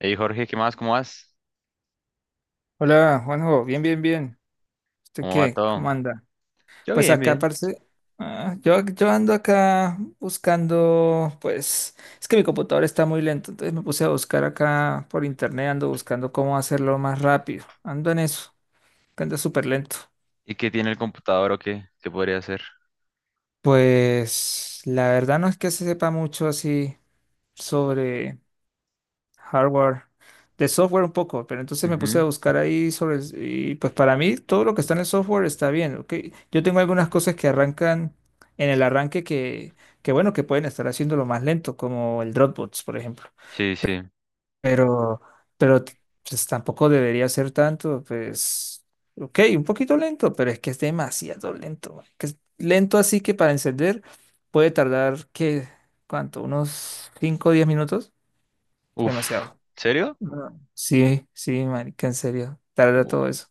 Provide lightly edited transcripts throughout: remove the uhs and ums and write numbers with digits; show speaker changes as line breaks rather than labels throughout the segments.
Hey Jorge, ¿qué más? ¿Cómo vas?
Hola, Juanjo, bien, bien, bien. ¿Usted
¿Cómo va
qué?
todo?
¿Cómo anda?
Yo
Pues
bien,
acá,
bien.
parece, yo ando acá buscando, pues, es que mi computador está muy lento, entonces me puse a buscar acá por internet, ando buscando cómo hacerlo más rápido. Ando en eso, que anda súper lento.
¿Y qué tiene el computador o qué? ¿Qué podría hacer?
Pues, la verdad no es que se sepa mucho así sobre hardware. De software un poco, pero entonces me puse
Ujú.
a buscar ahí sobre. Y pues para mí todo lo que está en el software está bien, ¿ok? Yo tengo algunas cosas que arrancan en el arranque que bueno, que pueden estar haciéndolo más lento, como el Dropbox, por ejemplo.
Sí, sí.
Pero, pero t- pues, tampoco debería ser tanto, pues, ok, un poquito lento, pero es que es demasiado lento. Güey, que es lento así que para encender puede tardar, ¿qué? ¿Cuánto? ¿Unos 5 o 10 minutos?
Uf,
Demasiado.
¿serio?
No, sí, sí, marica, en serio, tarda
Uh,
todo eso.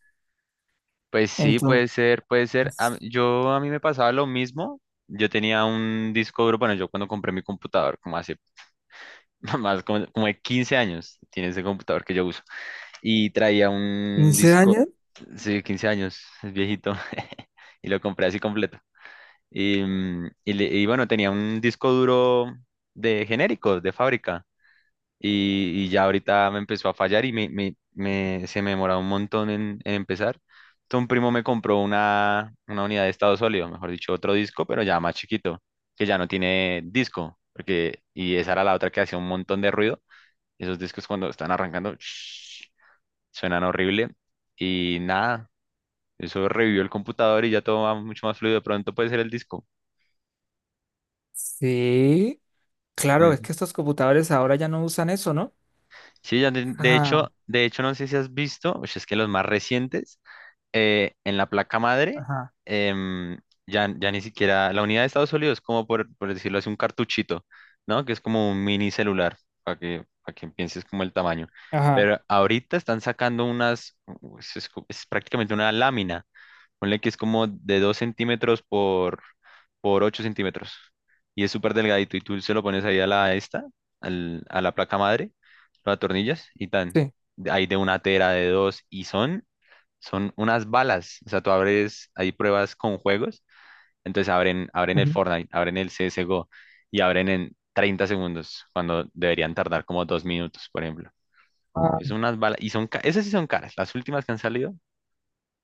Pues sí,
Entonces,
puede ser, puede ser. Yo a mí me pasaba lo mismo. Yo tenía un disco duro, bueno, yo cuando compré mi computador, como hace más como de 15 años, tiene ese computador que yo uso. Y traía un
quince
disco,
años?
sí, 15 años, es viejito. Y lo compré así completo. Y bueno, tenía un disco duro de genéricos, de fábrica. Y ya ahorita me empezó a fallar y se me demoraba un montón en empezar. Entonces un primo me compró una unidad de estado sólido, mejor dicho, otro disco, pero ya más chiquito, que ya no tiene disco. Y esa era la otra que hacía un montón de ruido. Esos discos cuando están arrancando, suenan horrible. Y nada, eso revivió el computador y ya todo va mucho más fluido. De pronto puede ser el disco.
Sí, claro, es que estos computadores ahora ya no usan eso, ¿no?
Sí, ya de, de
Ajá,
hecho, de hecho, no sé si has visto, pues es que los más recientes, en la placa madre,
ajá,
em, ya ni siquiera, la unidad de estado sólido es como, por decirlo así, un cartuchito, ¿no? Que es como un mini celular, para que pienses como el tamaño.
ajá,
Pero ahorita están sacando unas, u- es co- es prácticamente una lámina. Ponle que es como de 2 centímetros por 8 centímetros. Y es súper delgadito. Y tú se lo pones ahí a la placa madre, lo atornillas y tan.
sí.
Hay de una tera, de dos, y son unas balas. O sea, tú abres, hay pruebas con juegos. Entonces abren el
Ujú.
Fortnite, abren el CSGO y abren en 30 segundos, cuando deberían tardar como 2 minutos, por ejemplo.
Ah,
Es unas balas. Y esas sí son caras. Las últimas que han salido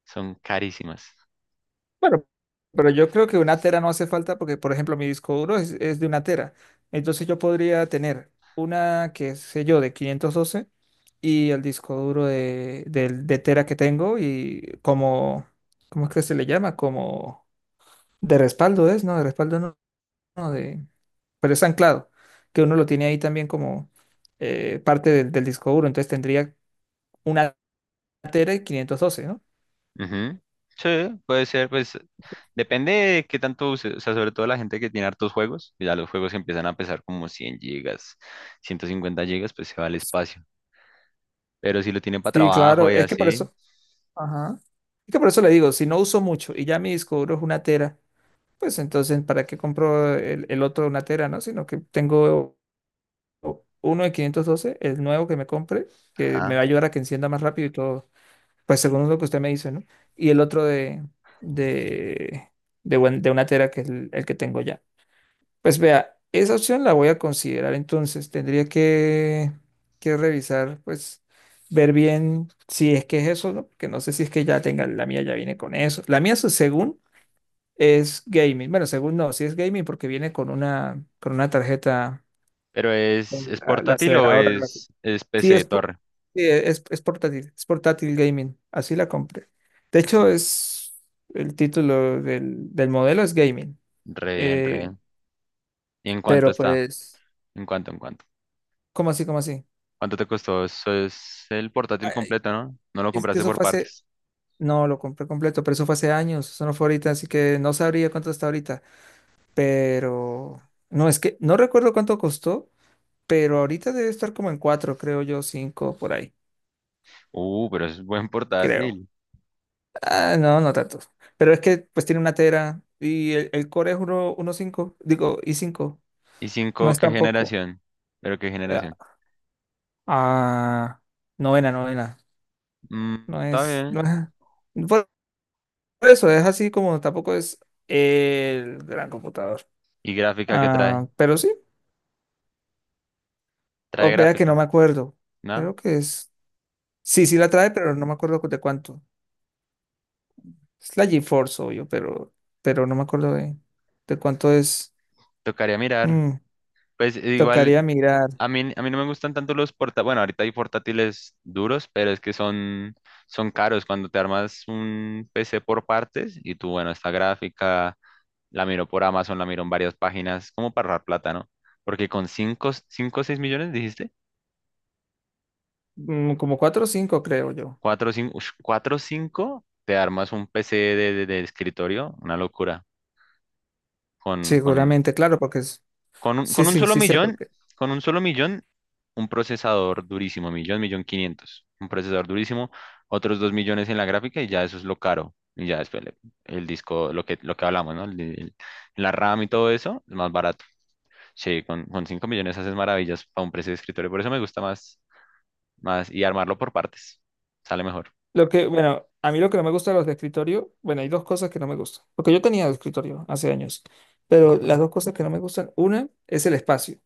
son carísimas.
bueno, pero yo creo que una tera no hace falta porque, por ejemplo, mi disco duro es de una tera. Entonces yo podría tener una, que sé yo, de 512 y el disco duro de tera que tengo y como, ¿cómo es que se le llama? Como... De respaldo es, ¿no? De respaldo no, no, de, pero es anclado, que uno lo tiene ahí también como parte del disco duro, entonces tendría una tera y 512, ¿no?
Ujú. Sí, puede ser, pues depende de qué tanto use, o sea, sobre todo la gente que tiene hartos juegos, que ya los juegos empiezan a pesar como 100 gigas, 150 gigas, pues se va al espacio, pero si lo tienen para
Sí,
trabajo
claro,
y
es que por
así,
eso, ajá. Es que por eso le digo, si no uso mucho y ya mi disco duro es una tera, pues entonces ¿para qué compro el otro de una tera, no? Sino que tengo uno de 512, el nuevo que me compre, que me va
ajá,
a ayudar a que encienda más rápido y todo. Pues según lo que usted me dice, ¿no? Y el otro de, de de una tera, que es el que tengo ya. Pues vea, esa opción la voy a considerar. Entonces, tendría que revisar, pues, ver bien si es que es eso, ¿no? Porque no sé si es que ya tenga, la mía ya viene con eso. La mía, según, es gaming. Bueno, según no, sí es gaming porque viene con una tarjeta,
pero
con
¿es
la
portátil o
aceleradora.
es
Sí,
PC de torre?
sí, es portátil gaming, así la compré. De hecho, es el título del modelo es gaming,
Re bien, re
eh,
bien. ¿Y en cuánto
pero
está?
pues,
¿En cuánto, en cuánto?
¿cómo así, cómo así?
¿Cuánto te costó? Eso es el portátil
Ay,
completo, ¿no? No lo
es que
compraste
eso
por
fue hace,
partes.
no, lo compré completo, pero eso fue hace años, eso no fue ahorita, así que no sabría cuánto está ahorita, pero no, es que no recuerdo cuánto costó, pero ahorita debe estar como en cuatro, creo yo, cinco, por ahí,
Pero es buen
creo.
portátil.
Ah, no, no tanto. Pero es que pues tiene una tera y el core es uno uno cinco, digo, i cinco.
¿Y
No
5
es
qué
tampoco.
generación? ¿Pero qué
eh,
generación?
Ah, novena, novena.
Mm,
No
Está
es, no
bien.
es- Por por eso es así como tampoco es el gran computador.
¿Y gráfica qué trae?
Ah, pero sí,
Trae
o vea que no
gráfica,
me acuerdo. Creo
¿no?
que es. Sí, sí la trae, pero no me acuerdo de cuánto. Es la GeForce, obvio, pero no me acuerdo de cuánto es.
Tocaría mirar.
Mm,
Pues igual,
tocaría mirar.
a mí no me gustan tanto los portátiles. Bueno, ahorita hay portátiles duros, pero es que son caros. Cuando te armas un PC por partes y tú, bueno, esta gráfica la miro por Amazon, la miro en varias páginas, como para ahorrar plata, ¿no? Porque con cinco o 6 millones, dijiste,
Mm, como cuatro o cinco, creo yo.
cuatro cinco te armas un PC de escritorio, una locura con
Seguramente, claro, porque es...
Con un,
Sí,
con un
sí,
solo
sí sé por
millón,
qué.
con un solo millón, un procesador durísimo, millón, millón quinientos, un procesador durísimo, otros 2 millones en la gráfica y ya eso es lo caro. Y ya después el disco, lo que hablamos, ¿no? La RAM y todo eso es más barato. Sí, con 5 millones haces maravillas para un precio de escritorio. Por eso me gusta más y armarlo por partes. Sale mejor.
Lo que, bueno, a mí lo que no me gusta de los de escritorio, bueno, hay dos cosas que no me gustan, porque yo tenía de escritorio hace años, pero las dos cosas que no me gustan, una es el espacio,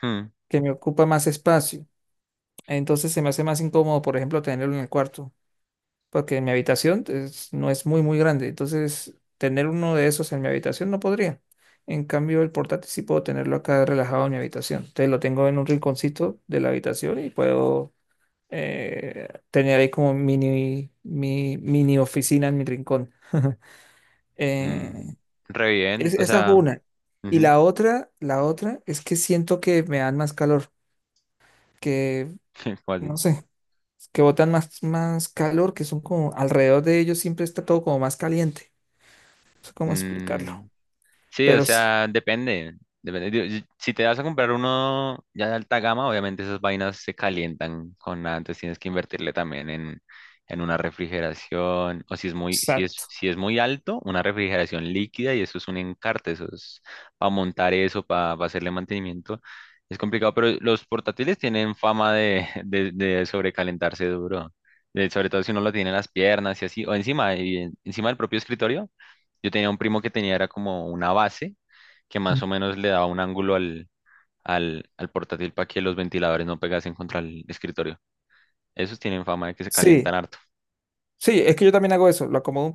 Hmm.
que me ocupa más espacio, entonces se me hace más incómodo, por ejemplo, tenerlo en el cuarto. Porque mi habitación no es muy, muy grande. Entonces, tener uno de esos en mi habitación no podría. En cambio, el portátil sí puedo tenerlo acá relajado en mi habitación. Entonces, lo tengo en un rinconcito de la habitación y puedo tener ahí como mini oficina en mi rincón. Eh,
Mm. Re bien, o
esa es
sea.
una. Y
Ujú.
la otra es que siento que me dan más calor, que
¿Cómo
no
así?
sé, que botan más, más calor, que son como alrededor de ellos siempre está todo como más caliente. Sé cómo explicarlo,
Mm, sí, o
pero sí,
sea, depende. Depende. Digo, si te vas a comprar uno ya de alta gama, obviamente esas vainas se calientan con nada, entonces tienes que invertirle también en una refrigeración, o si es muy, si es,
exacto.
si es muy alto, una refrigeración líquida y eso es un encarte, eso es para montar eso, para hacerle mantenimiento. Es complicado, pero los portátiles tienen fama de sobrecalentarse duro, sobre todo si uno lo tiene en las piernas y así, o encima, y encima del propio escritorio. Yo tenía un primo que tenía, era como una base que más o menos le daba un ángulo al portátil para que los ventiladores no pegasen contra el escritorio. Esos tienen fama de que se
Sí,
calientan harto.
sí, es que yo también hago eso, lo acomodo un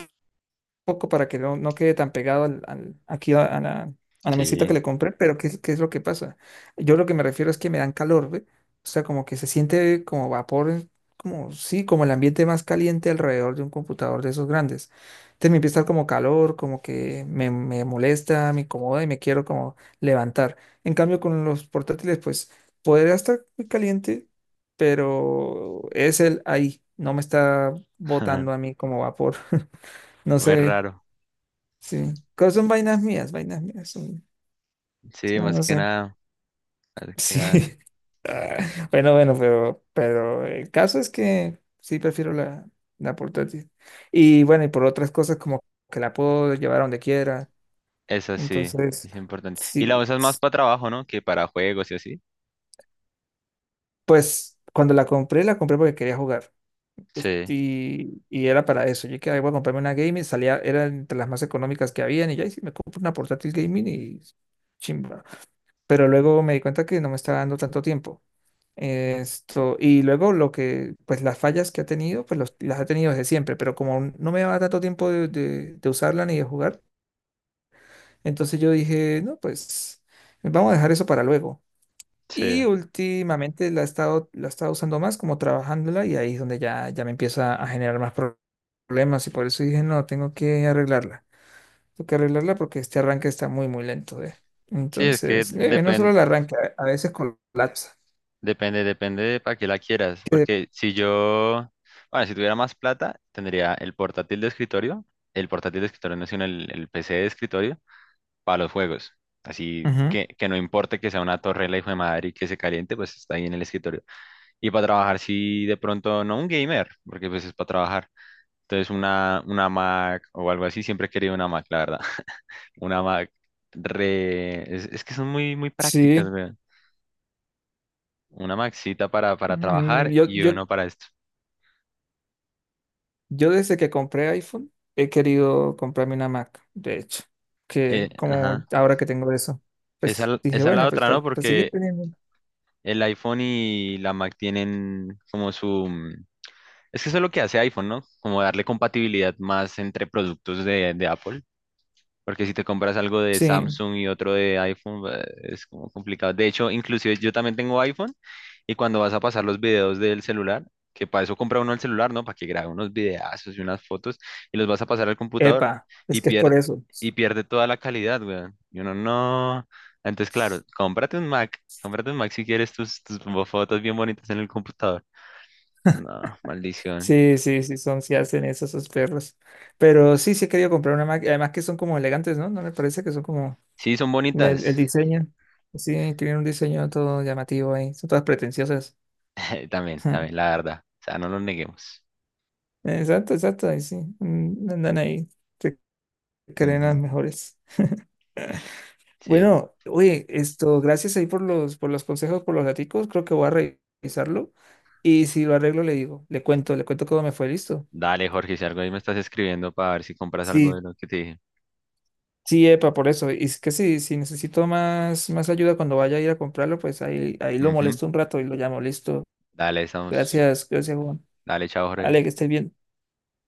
poco para que no, no quede tan pegado aquí a la mesita
Sí,
que le compré, pero ¿qué, qué es lo que pasa? Yo lo que me refiero es que me dan calor, ¿ve? O sea, como que se siente como vapor, como sí, como el ambiente más caliente alrededor de un computador de esos grandes. Entonces me empieza a dar como calor, como que me molesta, me incomoda y me quiero como levantar. En cambio, con los portátiles, pues podría estar muy caliente, pero es el ahí, no me está botando a mí como vapor. No
fue
sé.
raro.
Sí, pero son vainas mías, son,
Sí, más
no
que
sé.
nada, más que
Sí,
nada.
bueno, bueno, pero el caso es que sí prefiero la, la portátil. Y bueno, y por otras cosas como que la puedo llevar a donde quiera.
Eso sí,
Entonces,
es importante. Y la
sí,
usas más
s-
para trabajo, ¿no? Que para juegos y así.
pues cuando la compré porque quería jugar. Este,
Sí,
y era para eso. Yo que voy a comprarme una gaming, salía, era entre las más económicas que habían y ya, y sí, me compro una portátil gaming y chimba. Pero luego me di cuenta que no me estaba dando tanto tiempo. Esto, y luego lo que, pues las fallas que ha tenido, pues las ha tenido desde siempre, pero como no me daba tanto tiempo de usarla ni de jugar, entonces yo dije, no, pues vamos a dejar eso para luego.
sí.
Y últimamente la he estado usando más como trabajándola y ahí es donde ya, ya me empieza a generar más problemas y por eso dije, no, tengo que arreglarla. Toca arreglarla porque este arranque está muy, muy lento, ¿eh?
Sí, es que
Entonces, no solo el arranque, a veces colapsa.
Depende de para qué la quieras,
Que-
porque si yo, bueno, si tuviera más plata, tendría el portátil de escritorio, el portátil de escritorio no, sino el PC de escritorio para los juegos. Así
Ujú.
que no importe que sea una torre la hijo de madre y que se caliente, pues está ahí en el escritorio. Y para trabajar, si de pronto, no un gamer, porque pues es para trabajar. Entonces una Mac o algo así, siempre he querido una Mac, la verdad. Una Mac es que son muy, muy prácticas,
Sí,
weón. Una Maxita para
mm,
trabajar y uno para esto.
yo desde que compré iPhone he querido comprarme una Mac, de hecho, que como
Ajá.
ahora que tengo eso, pues dije,
Esa es la
bueno, pues
otra, ¿no?
para seguir
Porque
teniendo.
el iPhone y la Mac tienen como. Es que eso es lo que hace iPhone, ¿no? Como darle compatibilidad más entre productos de Apple. Porque si te compras algo de
Sí,
Samsung y otro de iPhone, es como complicado. De hecho, inclusive yo también tengo iPhone y cuando vas a pasar los videos del celular, que para eso compra uno el celular, ¿no? Para que grabe unos videazos y unas fotos y los vas a pasar al computador
epa, es
y
que es por eso.
y pierde toda la calidad, weón. Y uno no. Entonces, claro, cómprate un Mac si quieres tus fotos bien bonitas en el computador. No, maldición.
Sí, sí, sí, son, sí hacen eso esos perros. Pero sí, sí he querido comprar una Mac, y además que son como elegantes, ¿no? No me parece que son como...
Sí, son
El,
bonitas.
el diseño, sí, tienen un diseño todo llamativo ahí, son todas pretenciosas.
También,
Ja.
también, la verdad. O sea, no lo neguemos.
Exacto, exacto, ahí sí, mm, andan ahí, se creen las
Ujú.
mejores.
Sí.
Bueno, oye, esto, gracias ahí por los consejos, por los daticos, creo que voy a revisarlo y si lo arreglo le digo, le cuento cómo me fue, listo.
Dale, Jorge, si algo ahí me estás escribiendo para ver si compras algo de
Sí,
lo que te dije.
sí, epa, por eso, y es que sí, si necesito más, más ayuda cuando vaya a ir a comprarlo, pues ahí, ahí lo
Ujú.
molesto un rato y lo llamo, listo.
Dale, estamos.
Gracias, gracias Juan.
Dale, chao, Jorge.
Ale, que estés bien.